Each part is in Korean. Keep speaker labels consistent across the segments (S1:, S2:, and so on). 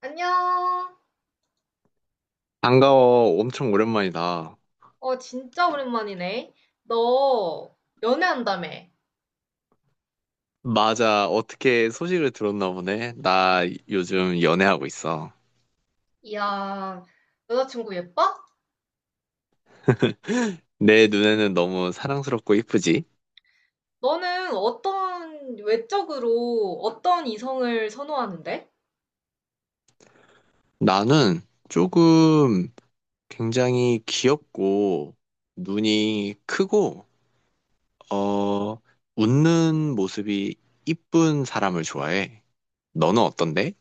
S1: 안녕.
S2: 반가워. 엄청 오랜만이다.
S1: 어, 진짜 오랜만이네. 너 연애한다며.
S2: 맞아. 어떻게 소식을 들었나 보네. 나 요즘 연애하고 있어.
S1: 이야, 여자친구 예뻐?
S2: 내 눈에는 너무 사랑스럽고 이쁘지?
S1: 너는 외적으로 어떤 이성을 선호하는데?
S2: 나는 조금 굉장히 귀엽고 눈이 크고 어 웃는 모습이 이쁜 사람을 좋아해. 너는 어떤데?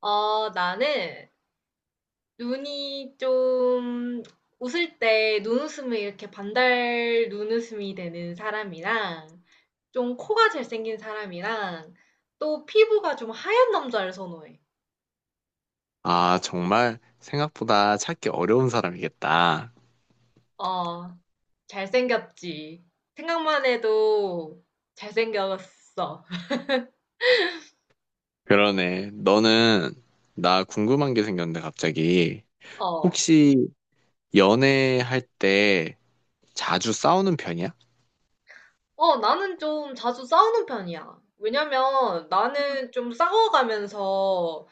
S1: 어, 나는 눈이 좀 웃을 때 눈웃음이 이렇게 반달 눈웃음이 되는 사람이랑 좀 코가 잘생긴 사람이랑 또 피부가 좀 하얀 남자를 선호해.
S2: 아, 정말 생각보다 찾기 어려운 사람이겠다.
S1: 어, 잘생겼지. 생각만 해도 잘생겼어.
S2: 그러네. 너는 나 궁금한 게 생겼는데 갑자기
S1: 어.
S2: 혹시 연애할 때 자주 싸우는 편이야?
S1: 어, 나는 좀 자주 싸우는 편이야. 왜냐면 나는 좀 싸워가면서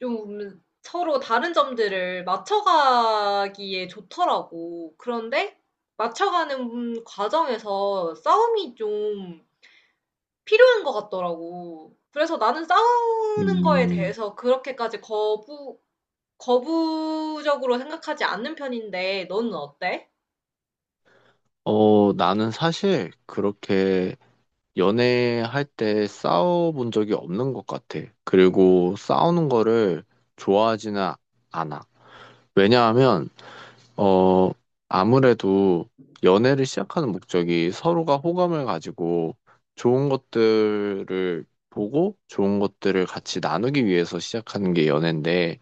S1: 좀 서로 다른 점들을 맞춰가기에 좋더라고. 그런데 맞춰가는 과정에서 싸움이 좀 필요한 것 같더라고. 그래서 나는 싸우는 거에
S2: 음,
S1: 대해서 그렇게까지 거부적으로 생각하지 않는 편인데 너는 어때?
S2: 나는 사실 그렇게 연애할 때 싸워본 적이 없는 것 같아. 그리고 싸우는 거를 좋아하지는 않아. 왜냐하면, 어, 아무래도 연애를 시작하는 목적이 서로가 호감을 가지고 좋은 것들을 보고 좋은 것들을 같이 나누기 위해서 시작하는 게 연애인데,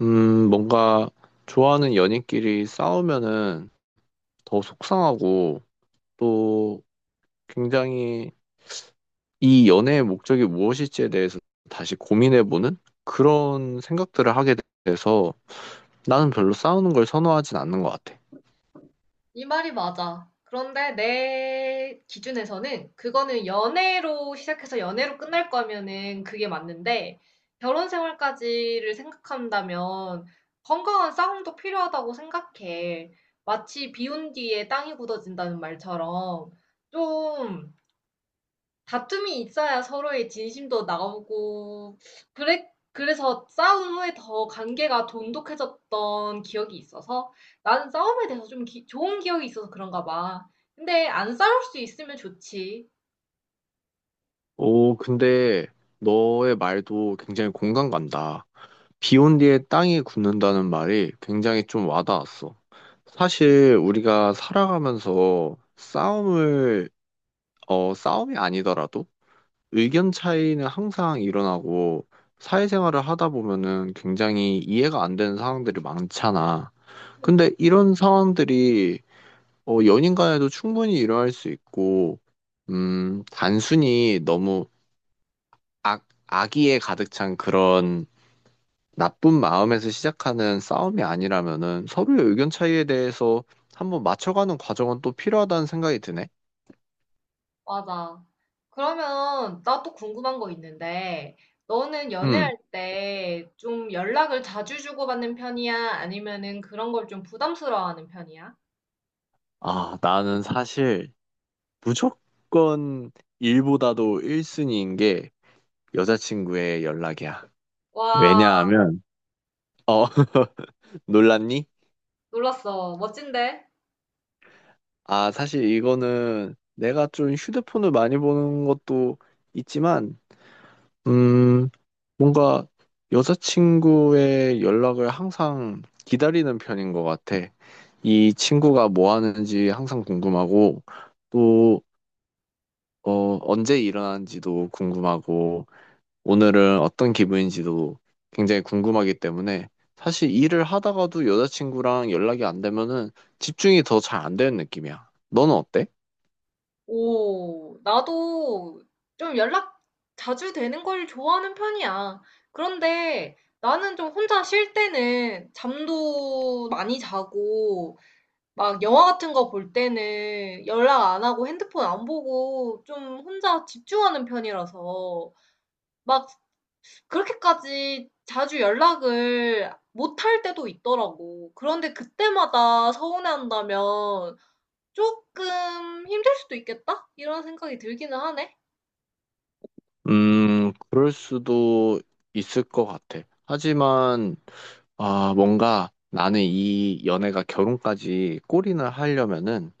S2: 뭔가 좋아하는 연인끼리 싸우면은 더 속상하고 또 굉장히 이 연애의 목적이 무엇일지에 대해서 다시 고민해보는 그런 생각들을 하게 돼서 나는 별로 싸우는 걸 선호하진 않는 것 같아.
S1: 이 말이 맞아. 그런데 내 기준에서는 그거는 연애로 시작해서 연애로 끝날 거면은 그게 맞는데 결혼 생활까지를 생각한다면 건강한 싸움도 필요하다고 생각해. 마치 비 온 뒤에 땅이 굳어진다는 말처럼 좀 다툼이 있어야 서로의 진심도 나오고 그래 그래서 싸운 후에 더 관계가 돈독해졌던 기억이 있어서 나는 싸움에 대해서 좀 기- 좋은 기억이 있어서 그런가 봐. 근데 안 싸울 수 있으면 좋지.
S2: 오, 근데 너의 말도 굉장히 공감 간다. 비 온 뒤에 땅이 굳는다는 말이 굉장히 좀 와닿았어. 사실 우리가 살아가면서 싸움을 싸움이 아니더라도 의견 차이는 항상 일어나고 사회생활을 하다 보면은 굉장히 이해가 안 되는 상황들이 많잖아.
S1: 응.
S2: 근데 이런 상황들이 연인 간에도 충분히 일어날 수 있고, 단순히 너무 악의에 가득 찬 그런 나쁜 마음에서 시작하는 싸움이 아니라면은 서로의 의견 차이에 대해서 한번 맞춰가는 과정은 또 필요하다는 생각이 드네.
S1: 맞아. 그러면 나 또 궁금한 거 있는데 너는
S2: 음,
S1: 연애할 때 좀 연락을 자주 주고받는 편이야? 아니면은 그런 걸 좀 부담스러워하는 편이야?
S2: 아, 나는 사실 무조건 일보다도 1순위인 게 여자친구의 연락이야.
S1: 와,
S2: 왜냐하면, 어, 놀랐니?
S1: 놀랐어. 멋진데?
S2: 아, 사실 이거는 내가 좀 휴대폰을 많이 보는 것도 있지만, 음, 뭔가 여자친구의 연락을 항상 기다리는 편인 것 같아. 이 친구가 뭐 하는지 항상 궁금하고, 또, 언제 일어나는지도 궁금하고, 오늘은 어떤 기분인지도 굉장히 궁금하기 때문에 사실 일을 하다가도 여자친구랑 연락이 안 되면은 집중이 더 잘 안 되는 느낌이야. 너는 어때?
S1: 오, 나도 좀 연락 자주 되는 걸 좋아하는 편이야. 그런데 나는 좀 혼자 쉴 때는 잠도 많이 자고, 막 영화 같은 거 볼 때는 연락 안 하고 핸드폰 안 보고 좀 혼자 집중하는 편이라서 막 그렇게까지 자주 연락을 못 할 때도 있더라고. 그런데 그때마다 서운해한다면 조금 '힘들 수도 있겠다.' 이런 생각이 들기는 하네.
S2: 그럴 수도 있을 것 같아. 하지만, 아, 뭔가 나는 이 연애가 결혼까지 골인을 하려면은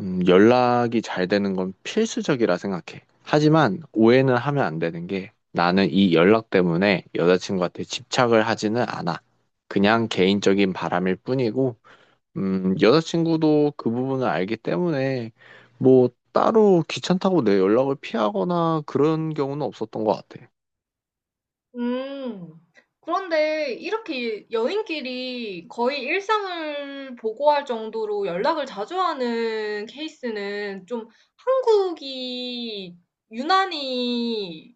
S2: 연락이 잘 되는 건 필수적이라 생각해. 하지만 오해는 하면 안 되는 게 나는 이 연락 때문에 여자친구한테 집착을 하지는 않아. 그냥 개인적인 바람일 뿐이고, 여자친구도 그 부분을 알기 때문에 뭐 따로 귀찮다고 내 연락을 피하거나 그런 경우는 없었던 것 같아.
S1: 음. 그런데 이렇게 연인끼리 거의 일상을 보고할 정도로 연락을 자주 하는 케이스는 좀 한국이 유난히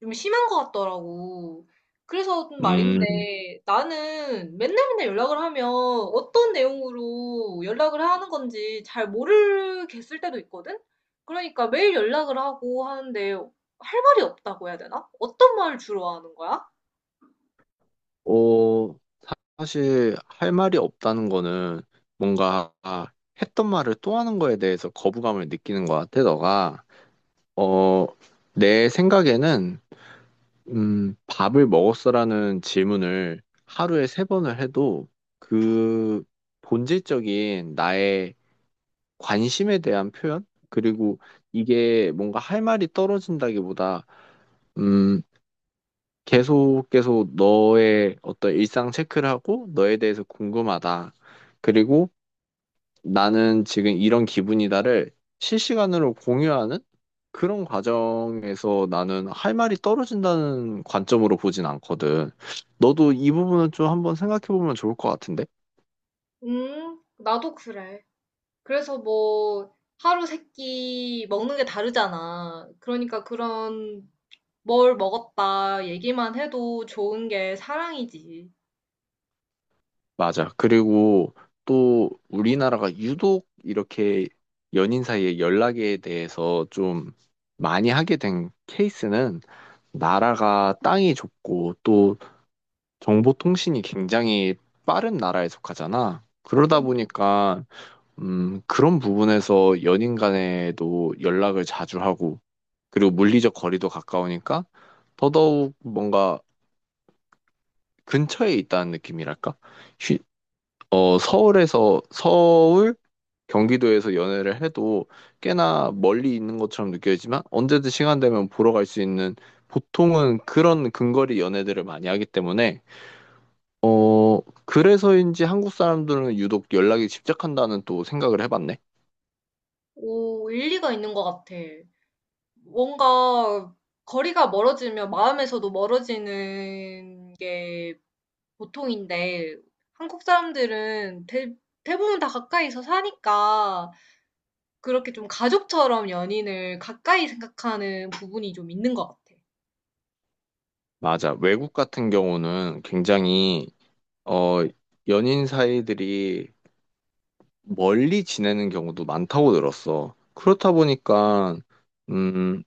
S1: 좀 심한 것 같더라고. 그래서 좀
S2: 음,
S1: 말인데 나는 맨날 맨날 연락을 하면 어떤 내용으로 연락을 하는 건지 잘 모르겠을 때도 있거든? 그러니까 매일 연락을 하고 하는데 할 말이 없다고 해야 되나? 어떤 말을 주로 하는 거야?
S2: 어, 사실 할 말이 없다는 거는 뭔가 했던 말을 또 하는 거에 대해서 거부감을 느끼는 것 같아, 너가. 어, 내 생각에는, 밥을 먹었어라는 질문을 하루에 세 번을 해도 그 본질적인 나의 관심에 대한 표현? 그리고 이게 뭔가 할 말이 떨어진다기보다, 음, 계속 계속 너의 어떤 일상 체크를 하고 너에 대해서 궁금하다. 그리고 나는 지금 이런 기분이다를 실시간으로 공유하는 그런 과정에서 나는 할 말이 떨어진다는 관점으로 보진 않거든. 너도 이 부분은 좀 한번 생각해 보면 좋을 것 같은데?
S1: 나도 그래. 그래서 뭐 하루 세 끼 먹는 게 다르잖아. 그러니까 그런 뭘 먹었다 얘기만 해도 좋은 게 사랑이지.
S2: 맞아. 그리고 또 우리나라가 유독 이렇게 연인 사이의 연락에 대해서 좀 많이 하게 된 케이스는 나라가 땅이 좁고 또 정보통신이 굉장히 빠른 나라에 속하잖아. 그러다 보니까 그런 부분에서 연인 간에도 연락을 자주 하고, 그리고 물리적 거리도 가까우니까, 더더욱 뭔가 근처에 있다는 느낌이랄까? 휴- 서울, 경기도에서 연애를 해도 꽤나 멀리 있는 것처럼 느껴지지만, 언제든 시간 되면 보러 갈 수 있는, 보통은 그런 근거리 연애들을 많이 하기 때문에, 어, 그래서인지 한국 사람들은 유독 연락이 집착한다는 또 생각을 해봤네.
S1: 오, 일리가 있는 것 같아. 뭔가 거리가 멀어지면 마음에서도 멀어지는 게 보통인데 한국 사람들은 대부분 다 가까이서 사니까 그렇게 좀 가족처럼 연인을 가까이 생각하는 부분이 좀 있는 것 같아.
S2: 맞아. 외국 같은 경우는 굉장히, 어, 연인 사이들이 멀리 지내는 경우도 많다고 들었어. 그렇다 보니까, 음,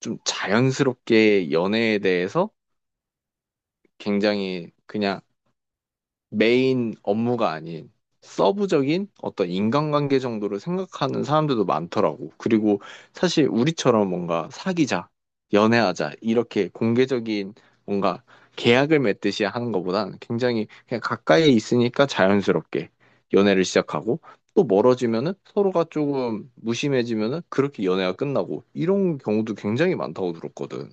S2: 좀 자연스럽게 연애에 대해서 굉장히 그냥 메인 업무가 아닌 서브적인 어떤 인간관계 정도로 생각하는 사람들도 많더라고. 그리고 사실 우리처럼 뭔가 사귀자, 연애하자, 이렇게 공개적인 뭔가 계약을 맺듯이 하는 것보단 굉장히 그냥 가까이 있으니까 자연스럽게 연애를 시작하고 또 멀어지면은 서로가 조금 무심해지면은 그렇게 연애가 끝나고 이런 경우도 굉장히 많다고 들었거든.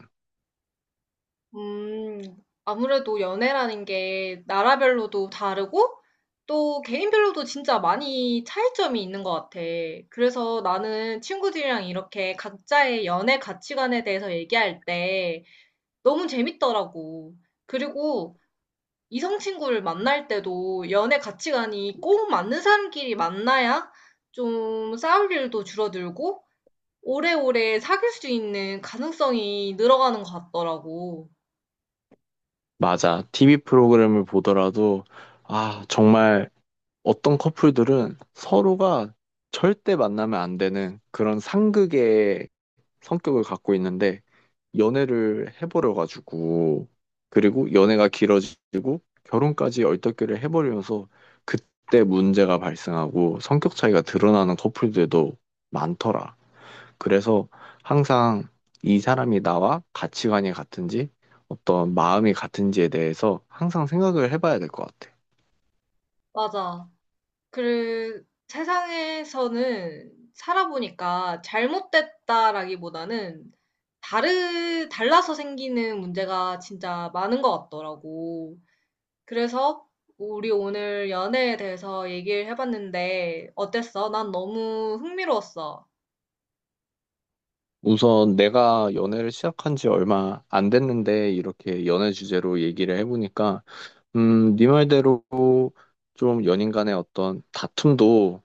S1: 음, 아무래도 연애라는 게 나라별로도 다르고 또 개인별로도 진짜 많이 차이점이 있는 것 같아. 그래서 나는 친구들이랑 이렇게 각자의 연애 가치관에 대해서 얘기할 때 너무 재밌더라고. 그리고 이성 친구를 만날 때도 연애 가치관이 꼭 맞는 사람끼리 만나야 좀 싸울 일도 줄어들고 오래오래 사귈 수 있는 가능성이 늘어가는 것 같더라고.
S2: 맞아. TV 프로그램을 보더라도 아, 정말 어떤 커플들은 서로가 절대 만나면 안 되는 그런 상극의 성격을 갖고 있는데 연애를 해버려 가지고 그리고 연애가 길어지고 결혼까지 얼떨결에 해버리면서 그때 문제가 발생하고 성격 차이가 드러나는 커플들도 많더라. 그래서 항상 이 사람이 나와 가치관이 같은지 어떤 마음이 같은지에 대해서 항상 생각을 해봐야 될 것 같아.
S1: 맞아. 그 세상에서는 살아 보니까 잘못됐다라기보다는 다르 달라서 생기는 문제가 진짜 많은 것 같더라고. 그래서 우리 오늘 연애에 대해서 얘기를 해봤는데 어땠어? 난 너무 흥미로웠어.
S2: 우선 내가 연애를 시작한 지 얼마 안 됐는데 이렇게 연애 주제로 얘기를 해보니까 네 말대로 좀 연인 간의 어떤 다툼도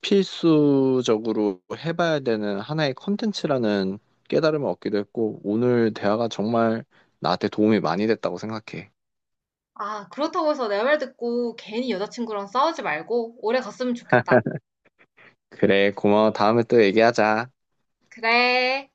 S2: 필수적으로 해봐야 되는 하나의 컨텐츠라는 깨달음을 얻기도 했고 오늘 대화가 정말 나한테 도움이 많이 됐다고 생각해.
S1: 아, 그렇다고 해서 내 말 듣고 괜히 여자친구랑 싸우지 말고 오래 갔으면 좋겠다.
S2: 그래, 고마워. 다음에 또 얘기하자.
S1: 그래.